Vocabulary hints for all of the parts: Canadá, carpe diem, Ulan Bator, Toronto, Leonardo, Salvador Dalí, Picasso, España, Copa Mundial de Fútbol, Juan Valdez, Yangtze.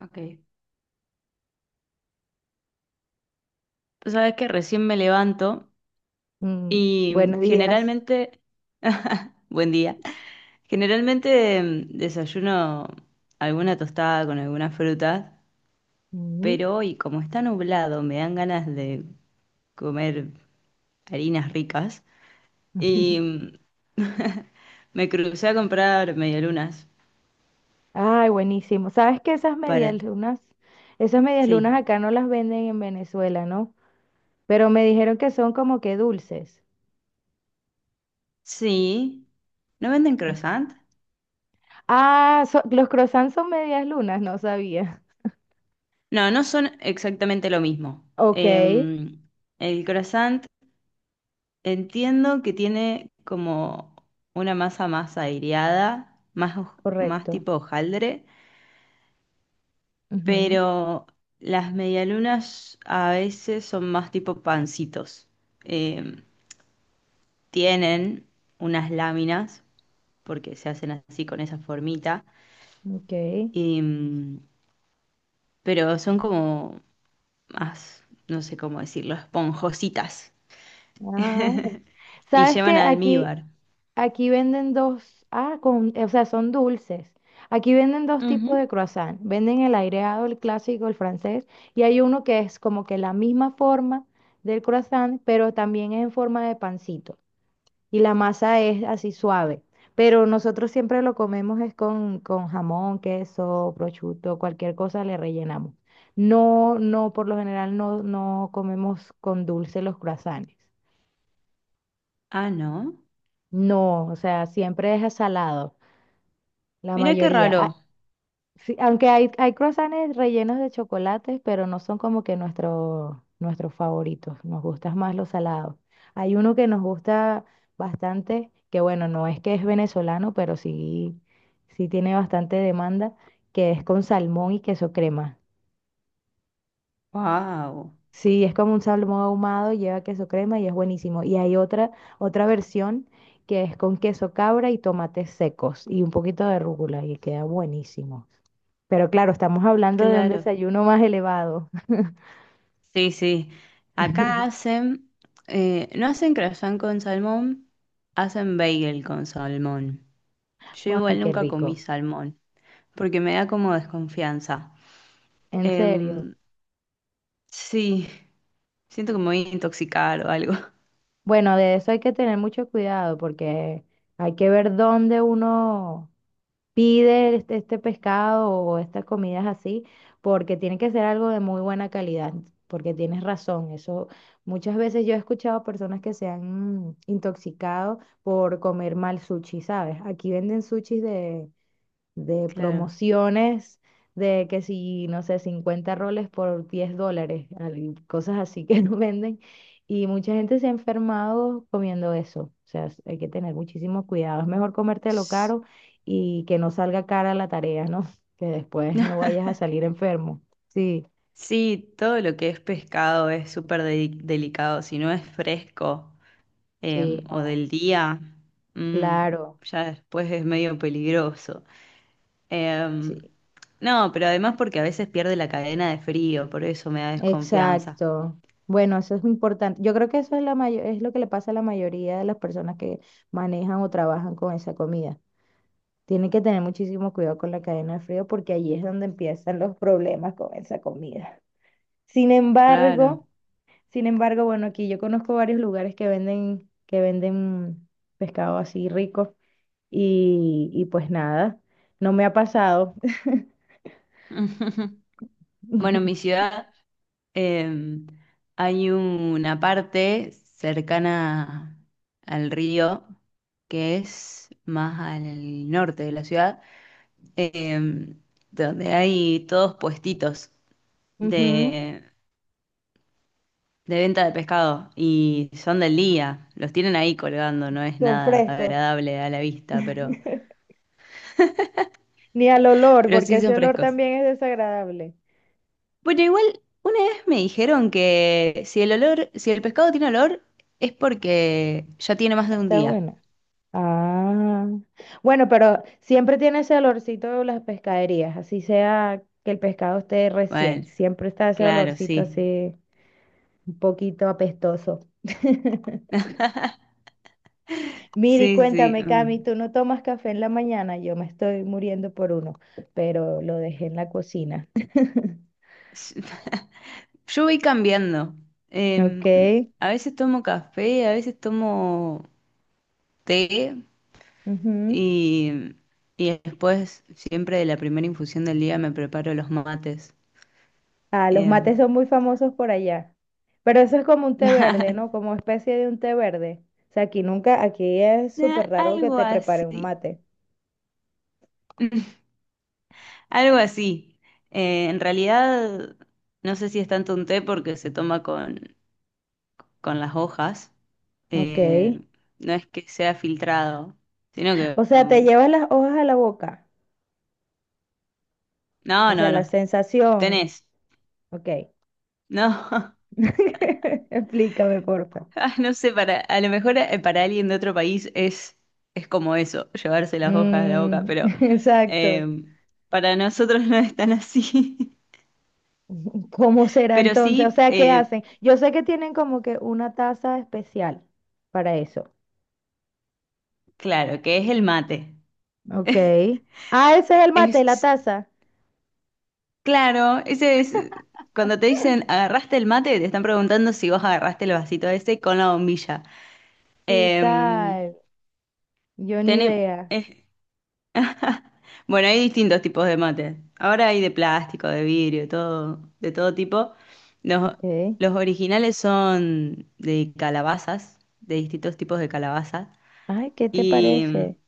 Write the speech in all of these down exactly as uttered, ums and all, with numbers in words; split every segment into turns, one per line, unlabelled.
Ok. Tú sabes que recién me levanto
Mm,
y
buenos días.
generalmente, buen día, generalmente em, desayuno alguna tostada con alguna fruta,
Mm.
pero hoy como está nublado me dan ganas de comer harinas ricas y mm, me crucé a comprar medialunas
Ay, buenísimo. ¿Sabes que esas
para...
medias lunas, esas medias lunas
Sí,
acá no las venden en Venezuela, ¿no? Pero me dijeron que son como que dulces.
sí. ¿No venden croissant?
Ah, so- los croissants son medias lunas, no sabía.
No, no son exactamente lo mismo.
Ok,
Em, el croissant entiendo que tiene como una masa más aireada, más, hoj- más
correcto.
tipo hojaldre, pero las medialunas a veces son más tipo pancitos. Eh, tienen unas láminas, porque se hacen así con esa formita,
Ujú, ok.
em, pero son como más, no sé cómo decirlo, esponjositas
Ah,
y
¿sabes que
llevan
aquí?
almíbar.
Aquí venden dos, ah, con, eh, o sea, son dulces. Aquí venden dos tipos
Ujú.
de croissant. Venden el aireado, el clásico, el francés, y hay uno que es como que la misma forma del croissant, pero también es en forma de pancito. Y la masa es así suave. Pero nosotros siempre lo comemos es con, con, jamón, queso, prosciutto, cualquier cosa le rellenamos. No, no, por lo general no, no comemos con dulce los croissants.
Ah, no.
No, o sea, siempre es salado. La
Mira qué
mayoría.
raro.
Ah, sí, aunque hay, hay croissants rellenos de chocolates, pero no son como que nuestro, nuestros favoritos. Nos gustan más los salados. Hay uno que nos gusta bastante, que bueno, no es que es venezolano, pero sí, sí tiene bastante demanda, que es con salmón y queso crema.
Wow.
Sí, es como un salmón ahumado, lleva queso crema y es buenísimo. Y hay otra, otra versión que es con queso cabra y tomates secos y un poquito de rúcula y queda buenísimo. Pero claro, estamos hablando de un
Claro.
desayuno más elevado.
Sí, sí. Acá hacen, eh, no hacen croissant con salmón, hacen bagel con salmón. Yo
Ay,
igual
qué
nunca comí
rico,
salmón, porque me da como desconfianza.
en serio.
Em, sí, siento que me voy a intoxicar o algo.
Bueno, de eso hay que tener mucho cuidado porque hay que ver dónde uno pide este, este pescado o estas comidas así, porque tiene que ser algo de muy buena calidad, porque tienes razón. Eso muchas veces yo he escuchado a personas que se han mm, intoxicado por comer mal sushi, ¿sabes? Aquí venden sushis de de
Claro.
promociones, de que si, no sé, cincuenta roles por diez dólares, al- cosas así que no venden. Y mucha gente se ha enfermado comiendo eso. O sea, s- hay que tener muchísimo cuidado. Es mejor comértelo
S-
caro y que no salga cara la tarea, ¿no? Que después no vayas a salir enfermo. Sí,
Sí, todo lo que es pescado es súper de- delicado. Si no es fresco,
sí,
em, o
no,
del día, mm,
claro,
ya después es medio peligroso. Em,
sí,
no, pero además porque a veces pierde la cadena de frío, por eso me da desconfianza.
exacto. Bueno, eso es muy importante. Yo creo que eso es la mayo- es lo que le pasa a la mayoría de las personas que manejan o trabajan con esa comida. Tienen que tener muchísimo cuidado con la cadena de frío porque allí es donde empiezan los problemas con esa comida. Sin
Claro.
embargo, sin embargo, bueno, aquí yo conozco varios lugares que venden, que venden pescado así rico y, y pues nada, no me ha pasado.
Bueno, en mi ciudad em, hay una parte cercana al río que es más al norte de la ciudad, em, donde hay todos puestitos
Ujú,
de, de venta de pescado y son del día, los tienen ahí colgando, no es
son
nada
frescos.
agradable a la vista, pero
Ni al olor,
pero
porque
sí
ese
son
olor
frescos.
también es desagradable.
Bueno, igual una vez me dijeron que si el olor, si el pescado tiene olor, es porque ya tiene más de un
Está
día.
bueno. Ah, bueno, pero siempre tiene ese olorcito de las pescaderías, así sea que el pescado esté
Bueno,
recién, siempre está ese
claro,
olorcito
sí.
así un poquito apestoso. Miri,
Sí, sí.
cuéntame, Cami,
Mm.
¿tú no tomas café en la mañana? Yo me estoy muriendo por uno, pero lo dejé en la cocina.
Yo voy cambiando.
Ok.
Em, a veces tomo café, a veces tomo té
Ujú.
y, y después siempre de la primera infusión del día me preparo los mates.
Ah, los mates
Em,
son muy famosos por allá. Pero eso es como un té verde, ¿no? Como especie de un té verde. O sea, aquí nunca, aquí es
na-
súper raro que
algo
te preparen un
así.
mate.
Algo así. Eh, en realidad, no sé si es tanto un té porque se toma con, con las hojas.
Ok.
Eh, no es que sea filtrado, sino que...
O sea, te
um,
llevas las hojas a la boca. O
no,
sea,
no,
la
no.
sensación.
Tenés.
Ok.
No.
Explícame, porfa.
Ah, no sé, para, a lo mejor eh, para alguien de otro país es, es como eso, llevarse las hojas a la boca,
Mm,
pero
exacto.
eh, para nosotros no es tan así.
¿Cómo será
Pero
entonces? O
sí,
sea, ¿qué
eh,
hacen? Yo sé que tienen como que una taza especial para eso.
claro, que es el mate.
Ok. Ah, ese es el mate, la
Es,
taza.
claro, ese es cuando te dicen agarraste el mate, te están preguntando si vos agarraste el vasito ese con la bombilla.
¿Qué
Em,
tal? Yo ni
tene-
idea.
es- bueno, hay distintos tipos de mate. Ahora hay de plástico, de vidrio, todo, de todo tipo. Los,
Ok.
los originales son de calabazas, de distintos tipos de calabazas.
Ay, ¿qué te
Y mm,
parece?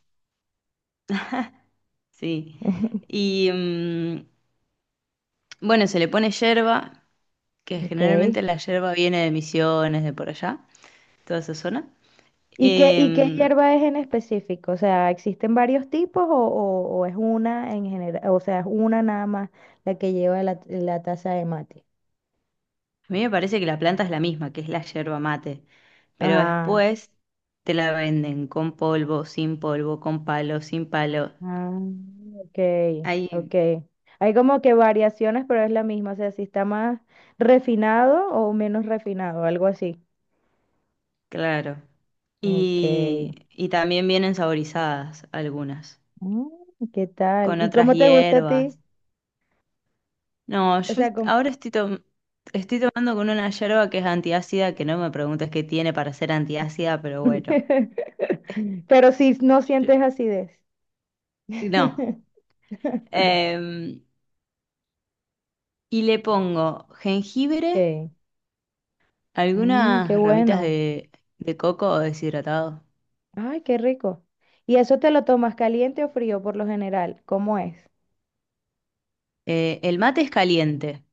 sí. Y mm, bueno, se le pone yerba, que
Ok.
generalmente la yerba viene de Misiones, de por allá, toda esa zona.
¿Y qué, y qué
Eh,
hierba es en específico? O sea, ¿existen varios tipos o, o- o es una en general? O sea, es una nada más la que lleva la, la taza de mate.
a mí me parece que la planta es la misma, que es la yerba mate, pero
Ah,
después te la venden con polvo, sin polvo, con palo, sin palo.
ah, ok,
Ahí,
ok. Hay como que variaciones, pero es la misma. O sea, si está más refinado o menos refinado, algo así.
claro.
Ok.
Y, y también vienen saborizadas algunas,
Mm, ¿qué tal?
con
¿Y
otras
cómo te gusta a ti?
hierbas. No,
O
yo
sea,
est- ahora estoy, tom- estoy tomando con una yerba que es antiácida, que no me preguntes qué tiene para ser antiácida, pero bueno.
pero si no
Yo-
sientes acidez.
no. Em, y le pongo jengibre.
Ok. Mm, qué
Algunas ramitas
bueno.
de, de coco o deshidratado.
Ay, qué rico. ¿Y eso te lo tomas caliente o frío por lo general? ¿Cómo es?
Eh, el mate es caliente.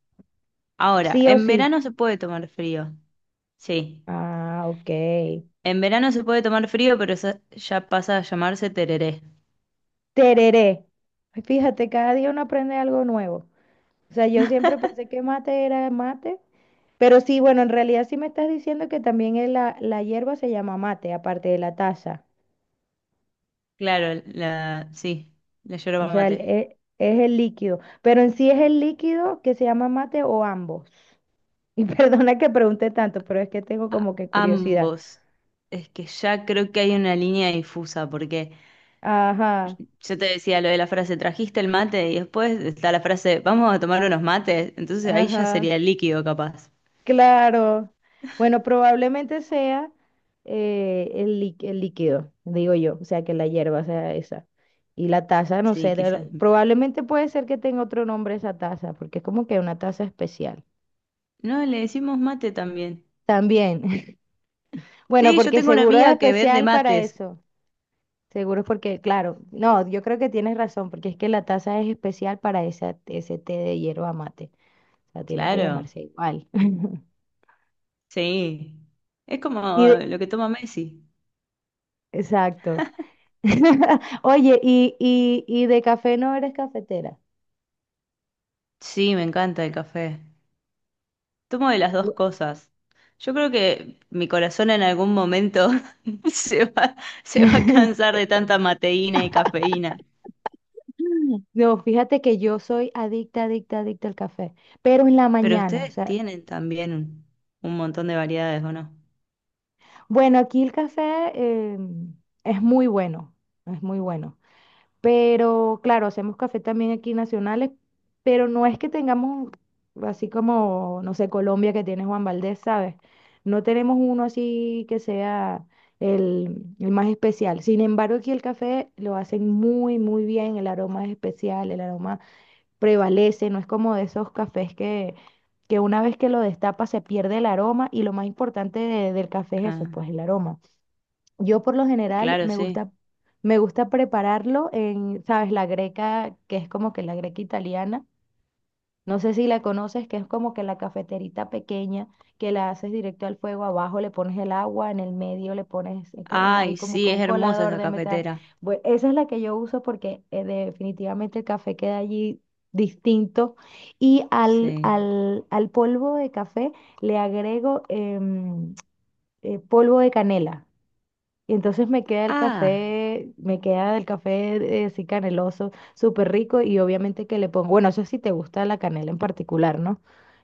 Ahora,
Sí o
en
sí.
verano se puede tomar frío. Sí,
Ah, ok.
en verano se puede tomar frío, pero eso ya pasa a llamarse tereré.
Tereré. Ay, fíjate, cada día uno aprende algo nuevo. O sea, yo siempre pensé que mate era mate, pero sí, bueno, en realidad sí me estás diciendo que también es la, la hierba se llama mate, aparte de la taza.
Claro, la, sí, la
O
yerba
sea, el-
mate.
e- es, el líquido. Pero en sí es el líquido que se llama mate o ambos. Y perdona que pregunte tanto, pero es que tengo
A-
como que curiosidad.
ambos. Es que ya creo que hay una línea difusa, porque
Ajá,
yo te decía lo de la frase, trajiste el mate, y después está la frase, vamos a tomar unos mates. Entonces ahí ya
ajá,
sería líquido, capaz.
claro. Bueno, probablemente sea eh, el, lí- el líquido, digo yo. O sea, que la hierba sea esa. Y la taza, no
Sí,
sé, de-
quizás.
probablemente puede ser que tenga otro nombre esa taza, porque es como que una taza especial.
No, le decimos mate también.
También. Bueno,
Sí, yo
porque
tengo una
seguro es
amiga que vende
especial para
mates.
eso. Seguro es porque, claro, no, yo creo que tienes razón, porque es que la taza es especial para esa, ese té de hierba mate. O sea, tiene que
Claro,
llamarse igual.
sí. Es como
Y de-
lo que toma Messi.
exacto. Oye, y, y, y de café no eres cafetera.
Sí, me encanta el café. Tomo de las dos
Bu-
cosas. Yo creo que mi corazón en algún momento se va, se va a cansar de tanta mateína y cafeína.
No, fíjate que yo soy adicta, adicta, adicta al café, pero en la
Pero
mañana, o
ustedes
sea,
tienen también un un montón de variedades, ¿o no?
bueno, aquí el café eh, es muy bueno, es muy bueno. Pero claro, hacemos café también aquí nacionales, pero no es que tengamos así como, no sé, Colombia que tiene Juan Valdez, ¿sabes? No tenemos uno así que sea el, el, más especial. Sin embargo, aquí el café lo hacen muy, muy bien, el aroma es especial, el aroma prevalece, no es como de esos cafés que, que una vez que lo destapa se pierde el aroma y lo más importante de- del café es eso,
Ah,
pues el aroma. Yo por lo general
claro,
me
sí.
gusta, me gusta prepararlo en, ¿sabes? La greca, que es como que la greca italiana. No sé si la conoces, que es como que la cafeterita pequeña que la haces directo al fuego, abajo le pones el agua, en el medio le pones, eh, co- eh, hay
Ay,
como que
sí, es
un
hermosa
colador
esa
de metal.
cafetera.
Bueno, esa es la que yo uso porque eh, definitivamente el café queda allí distinto. Y al,
Sí.
al, al polvo de café le agrego em, eh, polvo de canela. Y entonces me queda el
Ah,
café, me queda el café eh, así caneloso, súper rico y obviamente que le pongo, bueno, eso sí te gusta la canela en particular, ¿no?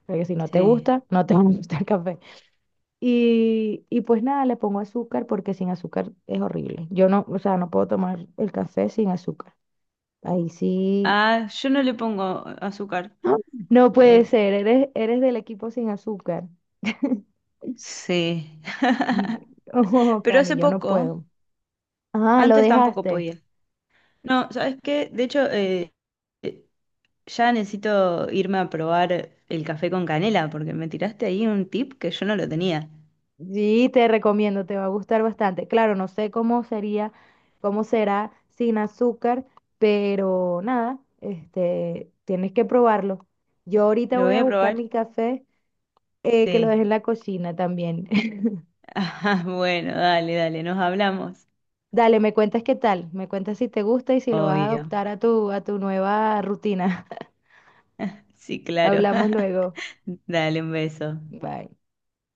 Porque si no te
sí.
gusta, no te va a gustar el café. Y, y pues nada, le pongo azúcar porque sin azúcar es horrible. Yo no, o sea, no puedo tomar el café sin azúcar. Ahí sí.
Ah, yo no le pongo azúcar.
¡Ah! No puede
Eh,
ser, eres, eres del equipo sin azúcar.
sí.
Y- Oh,
Pero
Cami,
hace
yo no
poco,
puedo. Ah, lo
antes tampoco
dejaste.
podía. No, ¿sabes qué? De hecho, eh, eh, ya necesito irme a probar el café con canela, porque me tiraste ahí un tip que yo no lo tenía.
Sí, te recomiendo, te va a gustar bastante. Claro, no sé cómo sería, cómo será sin azúcar, pero nada, este, tienes que probarlo. Yo ahorita
¿Lo
voy
voy
a
a
buscar
probar?
mi café, eh, que lo dejé
Sí.
en la cocina también.
Ah, bueno, dale, dale, nos hablamos.
Dale, me cuentas qué tal, me cuentas si te gusta y si lo vas a
Obvio.
adoptar a tu, a tu nueva rutina.
Sí, claro.
Hablamos luego.
Dale un beso.
Bye.